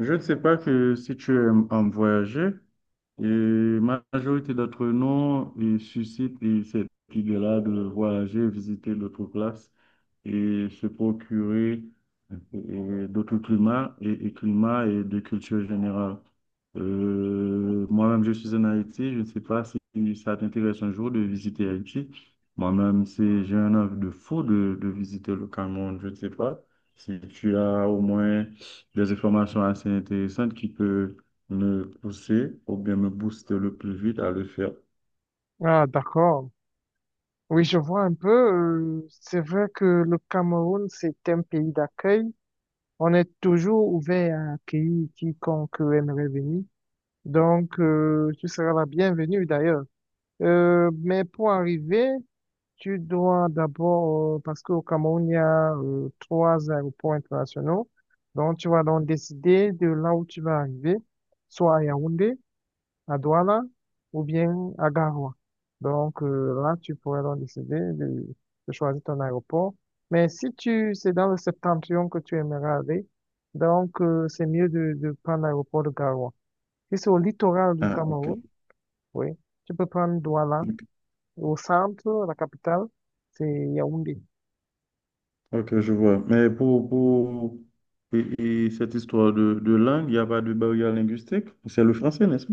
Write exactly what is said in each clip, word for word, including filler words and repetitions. Je ne sais pas que si tu aimes euh, voyager, et la majorité d'entre nous ils suscitent et cette idée-là de voyager, visiter d'autres places et se procurer euh, d'autres climats et, et climats et de culture générale. Euh, moi-même, je suis en Haïti. Je ne sais pas si ça t'intéresse un jour de visiter Haïti. Moi-même, c'est, j'ai un envie de fou de, de visiter le Cameroun. Je ne sais pas si tu as au moins des informations assez intéressantes qui peuvent me pousser ou bien me booster le plus vite à le faire. Ah, d'accord. Oui, je vois un peu. Euh, c'est vrai que le Cameroun, c'est un pays d'accueil. On est toujours ouvert à accueillir quiconque aimerait venir. Donc, euh, tu seras la bienvenue d'ailleurs. Euh, mais pour arriver, tu dois d'abord, euh, parce qu'au Cameroun, il y a euh, trois aéroports internationaux. Donc, tu vas donc décider de là où tu vas arriver, soit à Yaoundé, à Douala ou bien à Garoua. Donc euh, là, tu pourrais donc décider de, de choisir ton aéroport. Mais si tu c'est dans le septentrion que tu aimerais aller, donc euh, c'est mieux de, de prendre l'aéroport de Garoua. Si c'est au littoral du Ah, ok. Cameroun, oui, tu peux prendre Douala. Ok, Au centre, la capitale, c'est Yaoundé. ok, je vois. Mais pour, pour et, et cette histoire de, de langue, il n'y a pas de barrière linguistique. C'est le français, n'est-ce pas?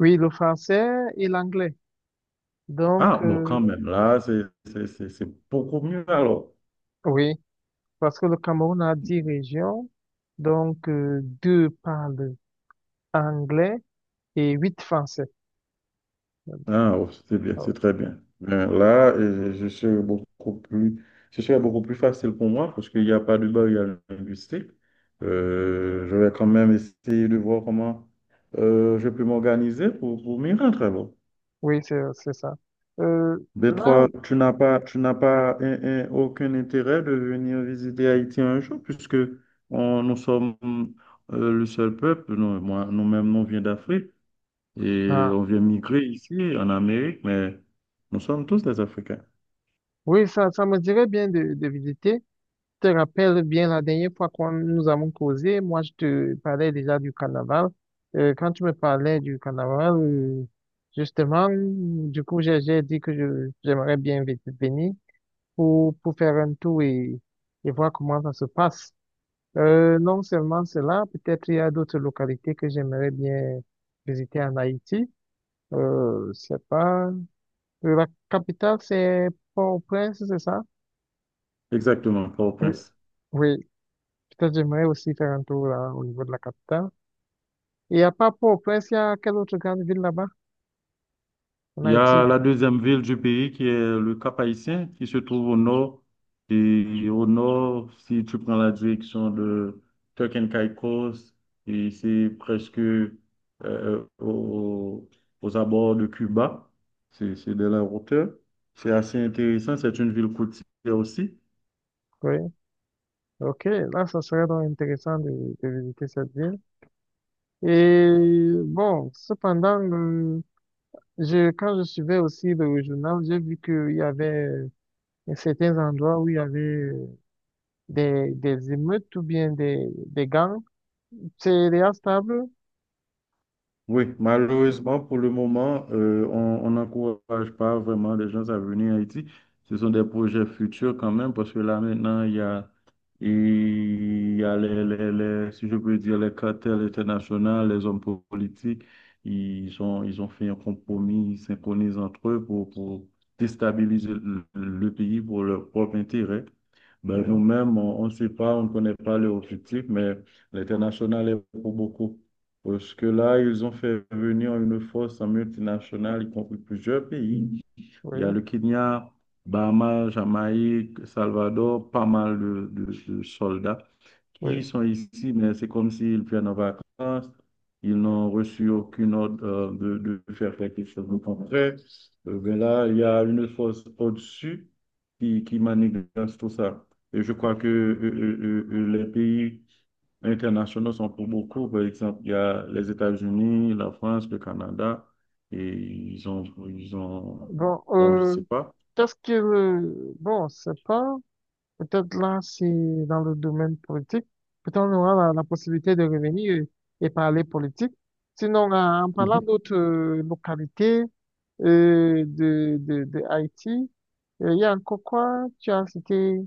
Oui, le français et l'anglais. Donc, Ah, bon, quand euh, même, là, c'est c'est- c'est- c'est beaucoup mieux alors. oui, parce que le Cameroun a dix régions, donc euh, deux parlent anglais et huit français. Ah, oh, c'est bien, c'est Oh, très bien. Ben, là, euh, je serais beaucoup plus, ce serait beaucoup plus facile pour moi parce qu'il n'y a pas de barrière linguistique. Euh, je vais quand même essayer de voir comment euh, je peux m'organiser pour, pour m'y rendre. alors. oui, c'est c'est ça. Euh, Mais Là, toi, tu n'as pas, tu n'as pas un- un- aucun intérêt de venir visiter Haïti un jour puisque on- nous sommes euh, le seul peuple, nous, moi, nous-mêmes, nous vient d'Afrique. Et ah, on vient migrer ici, en Amérique, mais nous sommes tous des Africains. oui, ça, ça me dirait bien de, de visiter. Je te rappelle bien la dernière fois qu'on nous avons causé, moi je te parlais déjà du carnaval. Euh, quand tu me parlais du carnaval, euh, justement, du coup, j'ai j'ai dit que je, j'aimerais bien vi- venir pour, pour faire un tour et, et voir comment ça se passe. Euh, non seulement cela, peut-être il y a d'autres localités que j'aimerais bien visiter en Haïti. Euh, c'est pas... La capitale, c'est Port-au-Prince, c'est ça? Exactement, Euh, Port-au-Prince. Oui, peut-être j'aimerais aussi faire un tour là, au niveau de la capitale. Il n'y a pas Port-au-Prince, il y a quelle autre grande ville là-bas? En Il y Haïti. a la deuxième ville du pays qui est le Cap-Haïtien, qui se trouve au nord. Et au nord, si tu prends la direction de Turks and Caicos, et c'est presque euh, au- aux abords de Cuba. C'est c'est de la hauteur. C'est assez intéressant. C'est une ville côtière aussi. Oui. Ok, là, ça serait donc intéressant de, de visiter cette ville. Et bon, cependant, le- je, quand je suivais aussi le journal, j'ai vu qu'il y avait certains endroits où il y avait des, des émeutes ou bien des, des gangs Sería estable. Oui, malheureusement, pour le moment, euh, on on n'encourage pas vraiment les gens à venir en Haïti. Ce sont des projets futurs quand même, parce que là maintenant, il y a, il y a les, les, les- si je peux dire, les cartels internationaux, les hommes politiques, ils ont, ils ont fait un compromis, ils synchronisent entre eux pour, pour déstabiliser le, le pays pour leur propre intérêt. Ben, Oui, nous-mêmes, on on ne sait pas, on ne connaît pas leur objectif, mais l'international est pour beaucoup. Parce que là, ils ont fait venir une force multinationale, y compris plusieurs pays. Il y a oui, le Kenya, Bahamas, Jamaïque, Salvador, pas mal de, de- de soldats qui oui. sont ici, mais c'est comme s'ils viennent en vacances. Ils n'ont reçu aucune ordre euh, de, de faire quelque chose de concret. Euh, ben là, il y a une force au-dessus qui, qui manipule tout ça. Et je crois que euh, euh, euh, euh, les pays internationaux sont pour beaucoup. Par exemple, il y a les États-Unis, la France, le Canada, et ils ont, ils ont, Bon, bon, je euh, sais pas. qu'est-ce que le... Bon, c'est pas... Peut-être là, si dans le domaine politique, peut-être on aura la, la possibilité de revenir et, et parler politique. Sinon, en en parlant Mhm. d'autres euh, localités euh, de, de, de Haïti, euh, il y a encore quoi? Tu as cité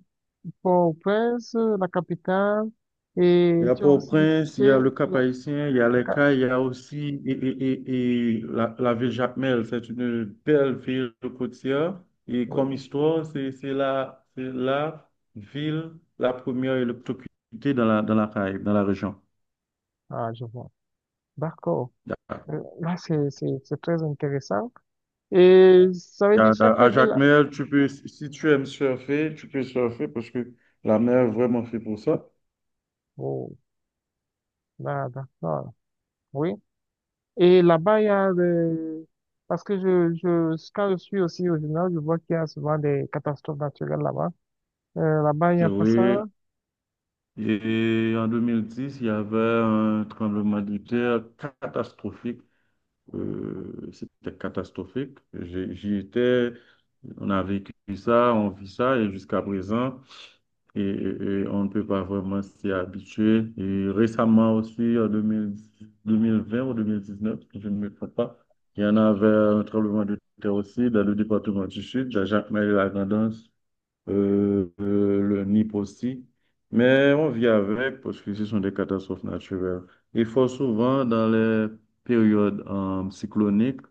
Port-au-Prince, la capitale, et Il y a tu as aussi Port-au-Prince, il y cité a le la... Cap-Haïtien, il y a les ca- Cayes, il y a aussi et, et, et, et la, la ville Jacmel. C'est une belle ville côtière. Et comme oui, histoire, c'est c'est la, c'est la ville la première électrocutée dans la, dans la Caraïbe, dans la région. ah, je vois. D'accord. Euh, là, c'est, c'est, c'est très intéressant. Et ça veut dire Yeah, da- chaque à Jacques ville. Mel, tu peux, si tu aimes surfer, tu peux surfer parce que la mer est vraiment fait pour ça. Oh, là, d'accord. Oui. Et là-bas, il y a des, parce que je, je, quand je suis aussi au général, je vois qu'il y a souvent des catastrophes naturelles là-bas. Euh, là-bas, il n'y Et a pas oui, ça. et en deux mille dix, il y avait un tremblement de terre catastrophique. Euh, c'était catastrophique. J'ai- J'y étais, on a vécu ça, on vit ça, et jusqu'à présent, et, et on ne peut pas vraiment s'y habituer. Et récemment aussi, en deux mille deux mille vingt ou deux mille dix-neuf, si je ne me trompe pas, il y en avait un tremblement de terre aussi dans le département du Sud, à Jacmel-la-Grandance, euh, euh, le N I P aussi. Mais on vit avec parce que ce sont des catastrophes naturelles. Il faut souvent, dans les périodes euh, cycloniques,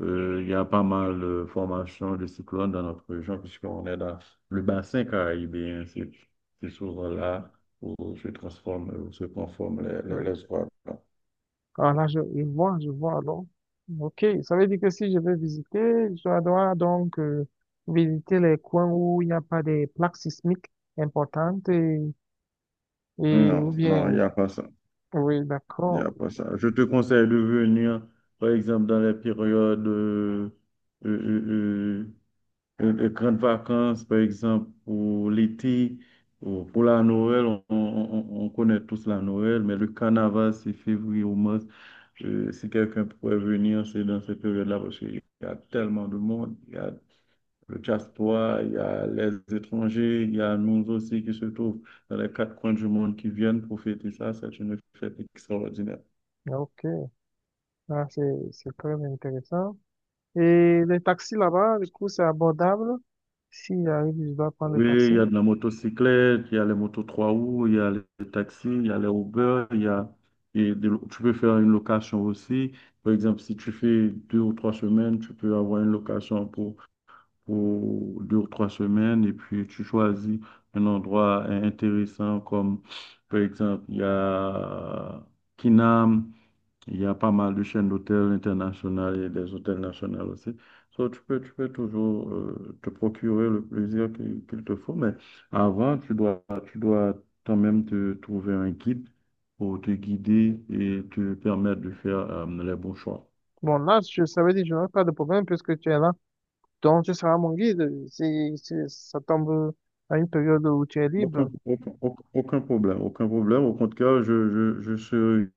euh, il y a pas mal de formations de cyclones dans notre région, puisqu'on est dans le bassin caribéen. C'est c'est souvent là où se transforment, où se conforment les, les, les ouragans. Ah là, je, je vois, je vois alors. Ok, ça veut dire que si je veux visiter, je dois donc euh, visiter les coins où il n'y a pas des plaques sismiques importantes et, et Non, ou non, il bien, n'y a pas ça. oui, Il n'y d'accord. a pas ça. Je te conseille de venir, par exemple, dans les périodes euh, euh, euh, de grandes vacances, par exemple, pour l'été, ou pour la Noël, on, on- on- on connaît tous la Noël, mais le carnaval, c'est février ou mars. Euh, si quelqu'un pourrait venir, c'est dans cette période-là, parce qu'il y a tellement de monde. Il y a le diaspora, il y a les étrangers, il y a nous aussi qui se trouvent dans les quatre coins du monde qui viennent profiter ça. C'est une fête extraordinaire. Ok, ah, c'est, c'est très intéressant. Et les taxis là-bas, du coup, c'est abordable. Si j'arrive, je dois prendre le Oui, taxi. il y a de la motocyclette, il y a les motos trois roues, il y a les taxis, il y a les Uber, il y a, et de- tu peux faire une location aussi. Par exemple, si tu fais deux ou trois semaines, tu peux avoir une location pour, pour deux ou trois semaines et puis tu choisis un endroit in- intéressant comme, par exemple, il y a Kinam, il y a pas mal de chaînes d'hôtels internationales et des hôtels nationaux aussi. So, tu peux, tu peux toujours euh, te procurer le plaisir qu'il qu'il te faut, mais avant, tu dois, tu dois quand même te trouver un guide pour te guider et te permettre de faire euh, les bons choix. Bon, là, je, ça veut dire que je n'aurai pas de problème puisque tu es là. Donc, tu seras mon guide. C'est, c'est, ça tombe à une période où tu es Aucun, libre. aucun, aucun- aucun problème, aucun problème. Au contraire, je, je, je serai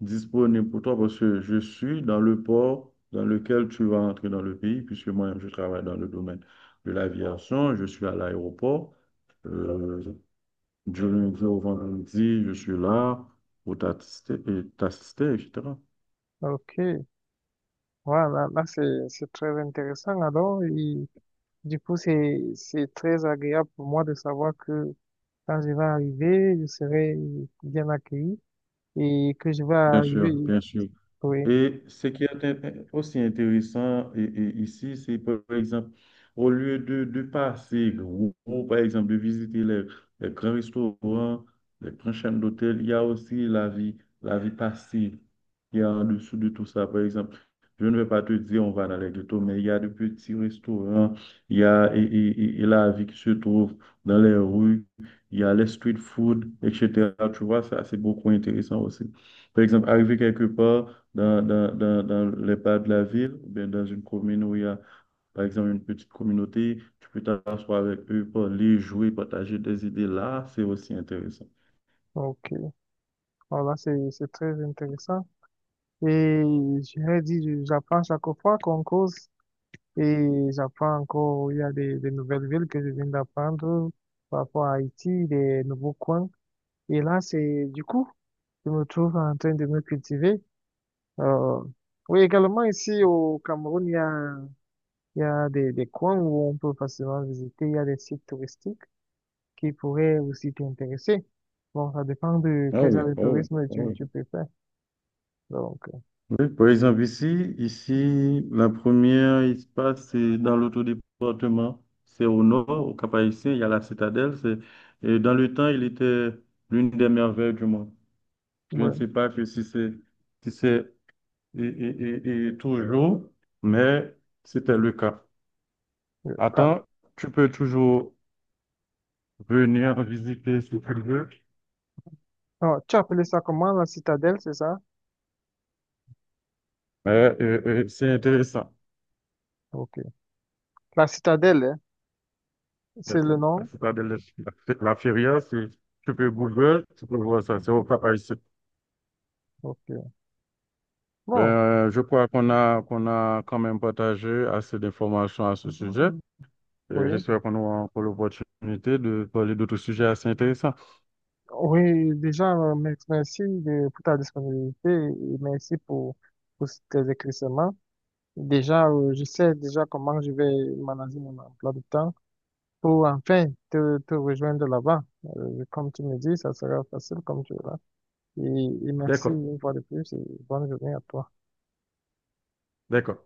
disponible pour toi parce que je suis dans le port dans lequel tu vas entrer dans le pays, puisque moi, je travaille dans le domaine de l'aviation, je suis à l'aéroport. Euh, du lundi au vendredi, je suis là pour t'assister, et t'assister, et cetera. Ok. Voilà, là, là, c'est, c'est très intéressant alors et du coup c'est, c'est très agréable pour moi de savoir que quand je vais arriver, je serai bien accueilli et que je vais Bien sûr, arriver. bien sûr. Oui, Et ce qui est int- aussi intéressant et- et ici, c'est par exemple, au lieu de, de passer, ou, ou, par exemple, de visiter les, les grands restaurants, les grandes chaînes d'hôtels, il y a aussi la vie, la vie passive qui est en dessous de tout ça. Par exemple, je ne vais pas te dire on va dans les ghettos, mais il y a de petits restaurants, il y a et, et- et- et la vie qui se trouve dans les rues, il y a les street food, et cetera. Tu vois, ça, c'est beaucoup intéressant aussi. Par exemple, arriver quelque part, dans, dans, dans, dans les bars de la ville, ou bien dans une commune où il y a, par exemple, une petite communauté, tu peux t'asseoir avec eux, parler, jouer, partager des idées. Là, c'est aussi intéressant. donc euh, voilà, c'est, c'est très intéressant. Et je dit, je- j'apprends chaque fois qu'on cause et j'apprends encore, il y a des, des nouvelles villes que je viens d'apprendre par rapport à Haïti, des nouveaux coins. Et là, c'est du coup, je me trouve en train de me cultiver. Euh, oui, également ici au Cameroun, il y a, il y a des, des coins où on peut facilement visiter. Il y a des sites touristiques qui pourraient aussi t'intéresser. Bon, ça dépend de Ah quel oui, genre de ah oui, tourisme ah tu, oui. tu préfères. Donc, Oui, par exemple, ici, ici, la première espace, c'est dans l'autre département, c'est au nord, au Cap-Haïtien, il y a la citadelle. C'est, et dans le temps, il était l'une des merveilles du monde. euh, Je ne ouais. sais pas que si c'est si c'est et, et- et- et toujours, mais c'était le cas. Euh, ah, Attends, tu peux toujours venir visiter si tu veux, ah, tu as appelé ça comment, la citadelle, c'est ça? mais euh, euh, c'est intéressant. Ok. La citadelle, hein, La c'est le la nom? citadelle de la, la la Feria, c'est- tu peux Google, tu peux voir ça, c'est au Cap Haïtien. Ok. Ben, Bon, euh, je crois qu'on a, qu'on a quand même partagé assez d'informations à ce sujet. Et oui. j'espère qu'on aura encore l'opportunité de parler d'autres sujets assez intéressants. Oui, déjà, euh, mer- merci de, pour ta disponibilité et merci pour, pour tes éclaircissements. Déjà, euh, je sais déjà comment je vais manager mon emploi de temps pour enfin te, te rejoindre là-bas. Euh, comme tu me dis, ça sera facile comme tu verras. Et, et merci D'accord, une fois de plus et bonne journée à toi. d'accord.